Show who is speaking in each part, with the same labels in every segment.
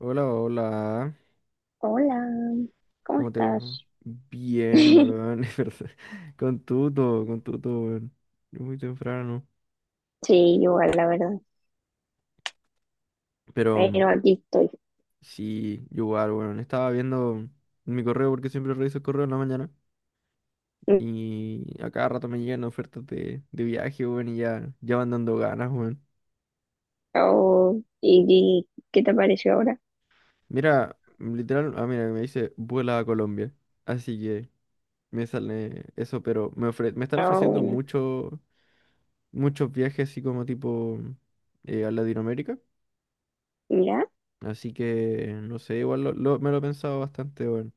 Speaker 1: Hola, hola.
Speaker 2: Hola, ¿cómo
Speaker 1: ¿Cómo te va?
Speaker 2: estás?
Speaker 1: Bien, weón. Es verdad. Con tuto, weón. Muy temprano.
Speaker 2: Sí, igual, la verdad.
Speaker 1: Pero
Speaker 2: Pero aquí estoy.
Speaker 1: sí, yo igual, weón. Estaba viendo mi correo porque siempre reviso el correo en la mañana. Y a cada rato me llegan ofertas de viaje, weón. Y ya, ya van dando ganas, weón.
Speaker 2: Oh, ¿y qué te pareció ahora?
Speaker 1: Mira, literal, ah, mira, me dice vuela a Colombia. Así que me sale eso, pero me están
Speaker 2: Ah,
Speaker 1: ofreciendo
Speaker 2: bueno.
Speaker 1: mucho, muchos viajes así como tipo a Latinoamérica.
Speaker 2: Mira,
Speaker 1: Así que, no sé, igual me lo he pensado bastante, bueno.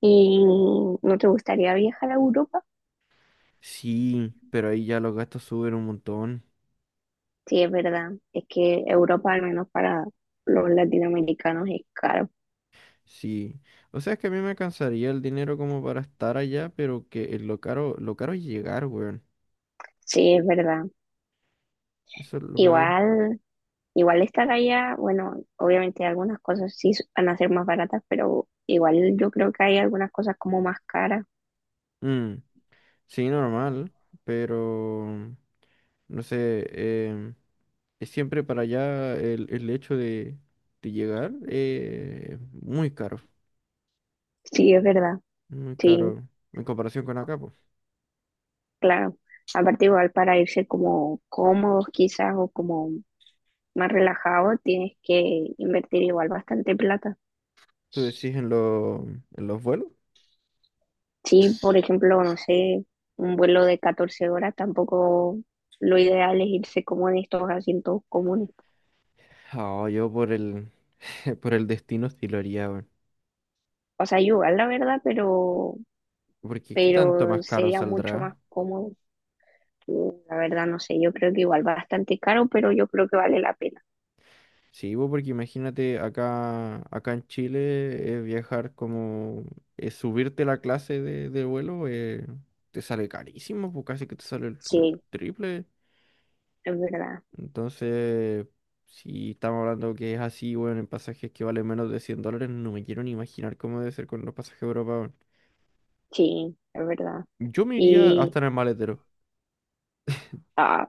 Speaker 2: ¿y no te gustaría viajar a Europa?
Speaker 1: Sí, pero ahí ya los gastos suben un montón.
Speaker 2: Sí, es verdad. Es que Europa, al menos para los latinoamericanos, es caro.
Speaker 1: Sí. O sea, es que a mí me alcanzaría el dinero como para estar allá, pero que lo caro es llegar, weón.
Speaker 2: Sí, es verdad.
Speaker 1: Eso es lo peor.
Speaker 2: Igual, igual estar allá, bueno, obviamente algunas cosas sí van a ser más baratas, pero igual yo creo que hay algunas cosas como más caras.
Speaker 1: Mm, sí, normal, pero no sé, es siempre para allá el hecho de llegar muy caro.
Speaker 2: Sí, es verdad.
Speaker 1: Muy
Speaker 2: Sí.
Speaker 1: caro en comparación con acá, pues.
Speaker 2: Claro, aparte igual para irse como cómodos quizás o como más relajados tienes que invertir igual bastante plata.
Speaker 1: ¿Tú decís en, en los vuelos?
Speaker 2: Sí, por ejemplo, no sé, un vuelo de 14 horas tampoco lo ideal es irse como en estos asientos comunes.
Speaker 1: Ah, yo por el por el destino sí lo haría, weón.
Speaker 2: O sea, igual la verdad, pero,
Speaker 1: Porque ¿qué tanto
Speaker 2: pero
Speaker 1: más caro
Speaker 2: sería mucho
Speaker 1: saldrá?
Speaker 2: más cómodo. Yo, la verdad, no sé, yo creo que igual bastante caro, pero yo creo que vale la pena.
Speaker 1: Sí, bo, porque imagínate acá, acá en Chile viajar como subirte la clase de vuelo te sale carísimo, pues casi que te sale el
Speaker 2: Sí,
Speaker 1: triple.
Speaker 2: es verdad,
Speaker 1: Entonces, si estamos hablando que es así, bueno, en pasajes que valen menos de $100, no me quiero ni imaginar cómo debe ser con los pasajes a Europa.
Speaker 2: sí, es verdad.
Speaker 1: Yo me iría
Speaker 2: Y,
Speaker 1: hasta en el maletero,
Speaker 2: ah,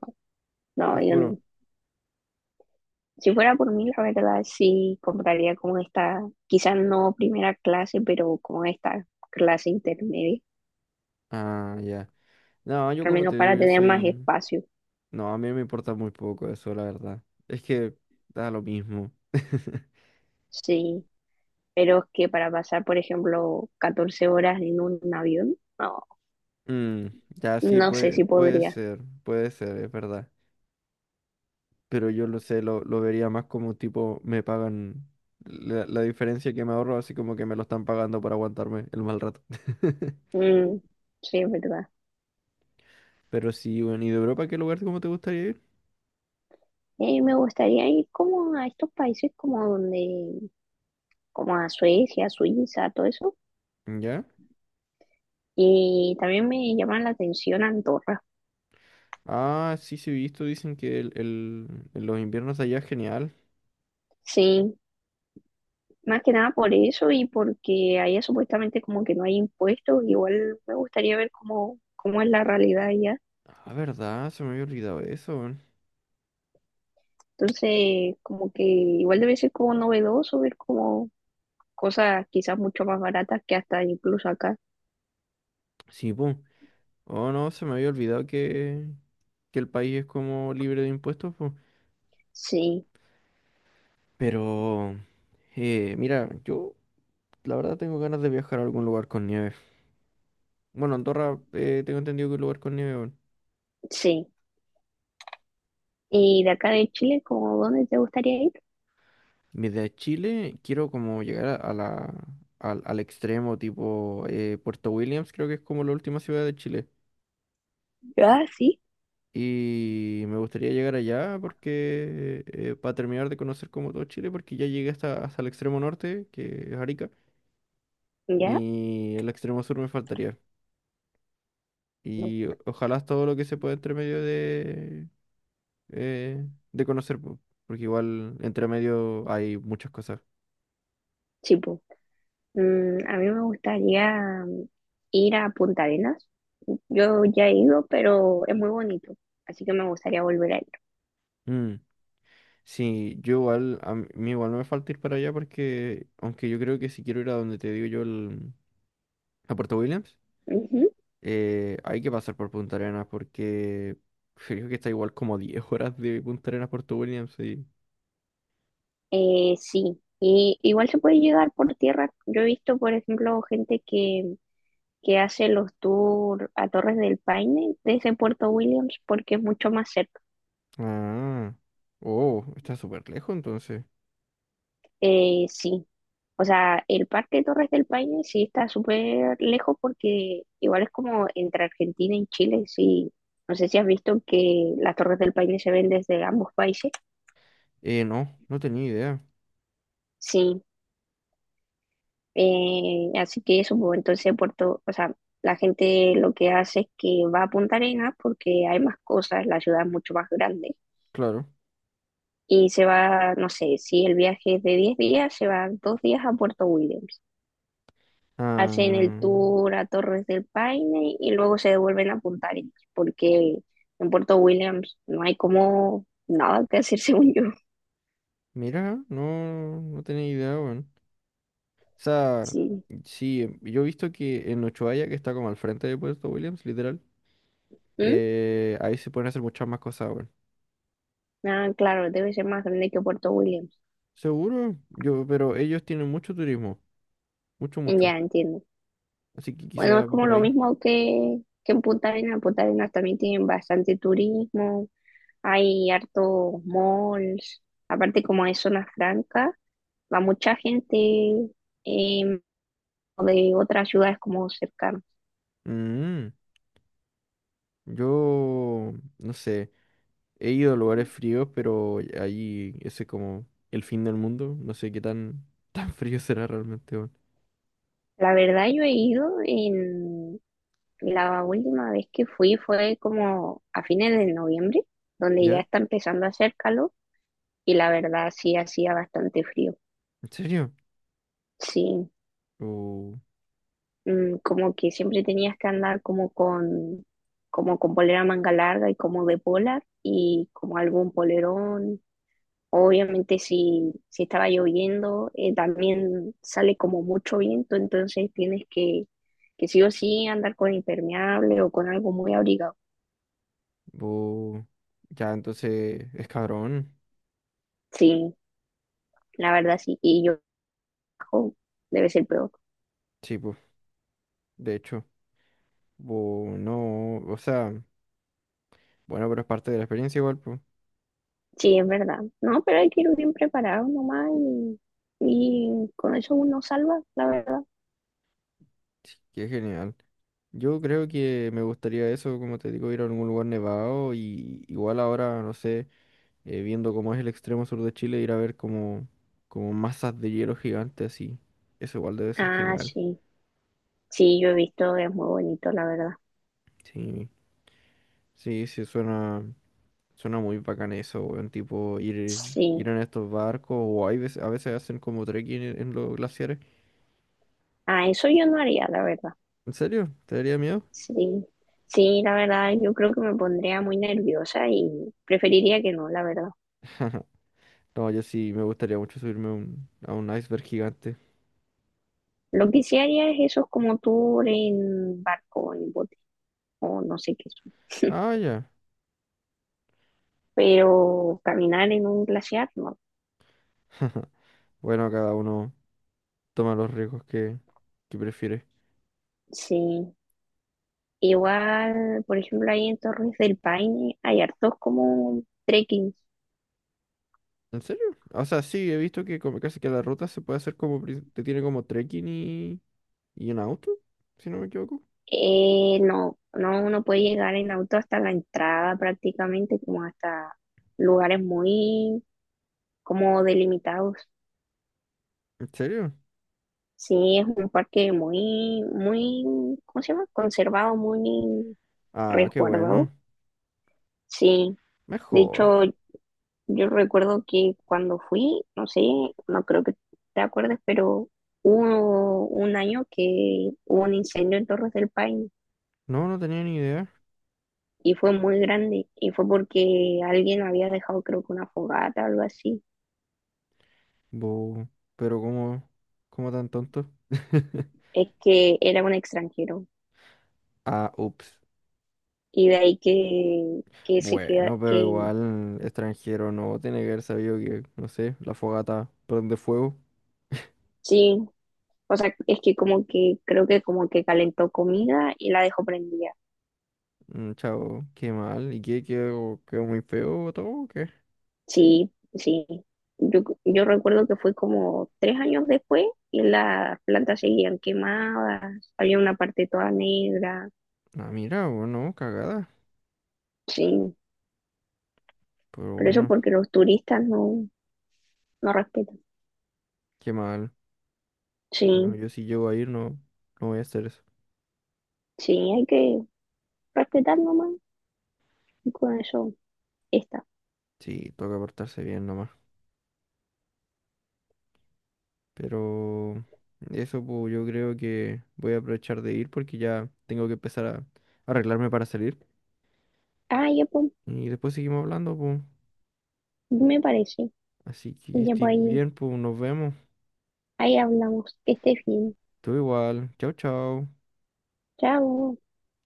Speaker 1: te
Speaker 2: no, yo no.
Speaker 1: juro.
Speaker 2: Si fuera por mí, la verdad sí compraría como esta, quizás no primera clase, pero como esta clase intermedia,
Speaker 1: Ah, ya. No, yo
Speaker 2: al
Speaker 1: como
Speaker 2: menos
Speaker 1: te digo,
Speaker 2: para
Speaker 1: yo
Speaker 2: tener más
Speaker 1: soy...
Speaker 2: espacio,
Speaker 1: No, a mí me importa muy poco eso, la verdad. Es que da lo mismo.
Speaker 2: sí. Pero es que para pasar, por ejemplo, 14 horas en un avión, no,
Speaker 1: Mm, ya sí,
Speaker 2: no sé
Speaker 1: puede,
Speaker 2: si podría.
Speaker 1: puede ser, es verdad. Pero yo lo sé, lo vería más como tipo, me pagan la diferencia que me ahorro, así como que me lo están pagando para aguantarme el mal rato.
Speaker 2: Mm, sí, es verdad.
Speaker 1: Pero sí, bueno, ¿y de Europa qué lugar como te gustaría ir?
Speaker 2: Me gustaría ir como a estos países como donde, como a Suecia, Suiza, todo eso.
Speaker 1: ¿Ya?
Speaker 2: Y también me llama la atención Andorra.
Speaker 1: Ah, sí, sí, he visto, dicen que en los inviernos de allá es genial.
Speaker 2: Sí, más que nada por eso y porque allá supuestamente como que no hay impuestos, igual me gustaría ver cómo es la realidad allá.
Speaker 1: Ah, verdad, se me había olvidado eso, weón.
Speaker 2: Entonces, como que igual debe ser como novedoso ver como cosas quizás mucho más baratas que hasta incluso acá.
Speaker 1: Sí, pum. Oh, no, se me había olvidado que el país es como libre de impuestos, po.
Speaker 2: Sí,
Speaker 1: Pero, mira, yo la verdad tengo ganas de viajar a algún lugar con nieve. Bueno, Andorra, tengo entendido que es un lugar con nieve, weón.
Speaker 2: sí. Y de acá de Chile, ¿como dónde te gustaría ir?
Speaker 1: Desde Chile quiero como llegar al extremo, tipo Puerto Williams, creo que es como la última ciudad de Chile.
Speaker 2: Ah, sí,
Speaker 1: Y me gustaría llegar allá porque para terminar de conocer como todo Chile, porque ya llegué hasta el extremo norte, que es Arica,
Speaker 2: ya.
Speaker 1: y el extremo sur me faltaría.
Speaker 2: No,
Speaker 1: Y ojalá es todo lo que se pueda entre medio eh, de conocer, po, porque igual entre medio hay muchas cosas.
Speaker 2: sí, pues. A mí me gustaría ir a Punta Arenas. Yo ya he ido, pero es muy bonito, así que me gustaría volver a ir.
Speaker 1: Mm, sí, yo igual, a mí igual no me falta ir para allá porque, aunque yo creo que si quiero ir a donde te digo yo, a Puerto Williams,
Speaker 2: Ujú.
Speaker 1: Hay que pasar por Punta Arenas porque creo que está igual como 10 horas de Punta Arenas a Puerto Williams. Sí.
Speaker 2: Sí, y igual se puede llegar por tierra. Yo he visto, por ejemplo, gente que hace los tours a Torres del Paine desde Puerto Williams porque es mucho más cerca.
Speaker 1: Ah, oh, está súper lejos entonces.
Speaker 2: Sí, o sea, el parque de Torres del Paine sí está súper lejos porque igual es como entre Argentina y Chile. Sí, no sé si has visto que las Torres del Paine se ven desde ambos países.
Speaker 1: No, no tenía idea.
Speaker 2: Sí. Así que eso, pues entonces Puerto, o sea, la gente lo que hace es que va a Punta Arenas porque hay más cosas, la ciudad es mucho más grande.
Speaker 1: Claro.
Speaker 2: Y se va, no sé, si el viaje es de 10 días, se va 2 días a Puerto Williams. Hacen el
Speaker 1: Ah,
Speaker 2: tour a Torres del Paine y luego se devuelven a Punta Arenas, porque en Puerto Williams no hay como nada que hacer, según yo.
Speaker 1: mira, no, no tenía idea, weón. O sea,
Speaker 2: Sí.
Speaker 1: sí, yo he visto que en Ushuaia, que está como al frente de Puerto Williams, literal,
Speaker 2: ¿Mm?
Speaker 1: ahí se pueden hacer muchas más cosas, weón.
Speaker 2: Ah, claro, debe ser más grande que Puerto Williams.
Speaker 1: Seguro, yo, pero ellos tienen mucho turismo, mucho, mucho.
Speaker 2: Ya entiendo.
Speaker 1: Así que
Speaker 2: Bueno,
Speaker 1: quizá
Speaker 2: es
Speaker 1: va
Speaker 2: como
Speaker 1: por
Speaker 2: lo
Speaker 1: ahí.
Speaker 2: mismo que en Punta Arenas. En Punta Arenas también tienen bastante turismo, hay hartos malls. Aparte, como es zona franca, va mucha gente em, de otras ciudades como cercanas.
Speaker 1: Mm, yo, no sé, he ido a lugares fríos, pero ahí ese es como el fin del mundo. No sé qué tan, tan frío será realmente, weón.
Speaker 2: La verdad, yo he ido en la última vez que fui fue como a fines de noviembre, donde ya
Speaker 1: ¿Ya?
Speaker 2: está empezando a hacer calor y la verdad sí hacía bastante frío.
Speaker 1: ¿En serio?
Speaker 2: Sí.
Speaker 1: Uh,
Speaker 2: Como que siempre tenías que andar como con polera manga larga y como de polar y como algún polerón. Obviamente si, estaba lloviendo, también sale como mucho viento, entonces tienes que sí o sí andar con impermeable o con algo muy abrigado.
Speaker 1: uh, ya, entonces es cabrón.
Speaker 2: Sí, la verdad sí, y yo bajo, debe ser peor.
Speaker 1: Sí, pues, de hecho. No, o sea, bueno, pero es parte de la experiencia igual, pues.
Speaker 2: Sí, es verdad. No, pero hay que ir bien preparado nomás y con eso uno salva, la verdad.
Speaker 1: Sí, qué genial. Yo creo que me gustaría eso, como te digo, ir a algún lugar nevado y igual ahora, no sé. Viendo cómo es el extremo sur de Chile, ir a ver como, como masas de hielo gigantes así. Eso igual debe ser
Speaker 2: Ah,
Speaker 1: genial.
Speaker 2: sí. Sí, yo he visto, es muy bonito, la verdad.
Speaker 1: Sí, sí, sí, suena, suena muy bacán eso, weón. Tipo ir, ir
Speaker 2: Sí,
Speaker 1: en estos barcos o hay veces, a veces hacen como trekking en los glaciares.
Speaker 2: ah, eso yo no haría, la verdad.
Speaker 1: ¿En serio? ¿Te daría miedo?
Speaker 2: Sí, sí, la verdad, yo creo que me pondría muy nerviosa y preferiría que no, la verdad.
Speaker 1: No, yo sí me gustaría mucho subirme a a un iceberg gigante.
Speaker 2: Lo que sí haría es esos como tour en barco, en bote, o no sé qué son.
Speaker 1: Ah, ya.
Speaker 2: Pero caminar en un glaciar, no.
Speaker 1: Bueno, cada uno toma los riesgos que prefiere.
Speaker 2: Sí, igual, por ejemplo, ahí en Torres del Paine hay hartos como trekking.
Speaker 1: ¿En serio? O sea, sí, he visto que como casi que la ruta se puede hacer como, te tiene como trekking y en auto, si no me equivoco.
Speaker 2: No, no, uno puede llegar en auto hasta la entrada prácticamente, como hasta lugares muy como delimitados.
Speaker 1: ¿En serio?
Speaker 2: Sí, es un parque muy, muy, ¿cómo se llama? Conservado, muy
Speaker 1: Ah, qué
Speaker 2: resguardado.
Speaker 1: bueno.
Speaker 2: Sí, de
Speaker 1: Mejor.
Speaker 2: hecho, yo recuerdo que cuando fui, no sé, no creo que te acuerdes, pero hubo un año que hubo un incendio en Torres del Paine
Speaker 1: No, no tenía ni idea.
Speaker 2: y fue muy grande y fue porque alguien había dejado creo que una fogata o algo así.
Speaker 1: Bo, pero como, como tan tonto.
Speaker 2: Es que era un extranjero
Speaker 1: Ah, ups.
Speaker 2: y de ahí que, se queda,
Speaker 1: Bueno, pero
Speaker 2: que
Speaker 1: igual extranjero no tiene que haber sabido que, no sé, la fogata prende fuego.
Speaker 2: sí, o sea, es que como que creo que como que calentó comida y la dejó prendida.
Speaker 1: Mm, chao, qué mal. ¿Y qué quedó, quedó muy feo todo o qué?
Speaker 2: Sí, sí. Yo recuerdo que fue como 3 años después y las plantas seguían quemadas, había una parte toda negra,
Speaker 1: Ah, mira, bueno, cagada.
Speaker 2: sí,
Speaker 1: Pero
Speaker 2: pero eso
Speaker 1: bueno,
Speaker 2: porque los turistas no, no respetan.
Speaker 1: qué mal.
Speaker 2: Sí,
Speaker 1: Bueno, yo si llego a ir no, no voy a hacer eso.
Speaker 2: sí, hay que respetar nomás y con eso está.
Speaker 1: Sí, toca portarse bien nomás. Pero eso pues yo creo que voy a aprovechar de ir porque ya tengo que empezar a arreglarme para salir.
Speaker 2: Ah, ya pues,
Speaker 1: Y después seguimos hablando, pues.
Speaker 2: me parece.
Speaker 1: Así que
Speaker 2: Ya
Speaker 1: estoy
Speaker 2: pues ahí,
Speaker 1: bien, pues nos vemos.
Speaker 2: ahí hablamos. Que estés bien.
Speaker 1: Tú igual. Chao, chao.
Speaker 2: Chao.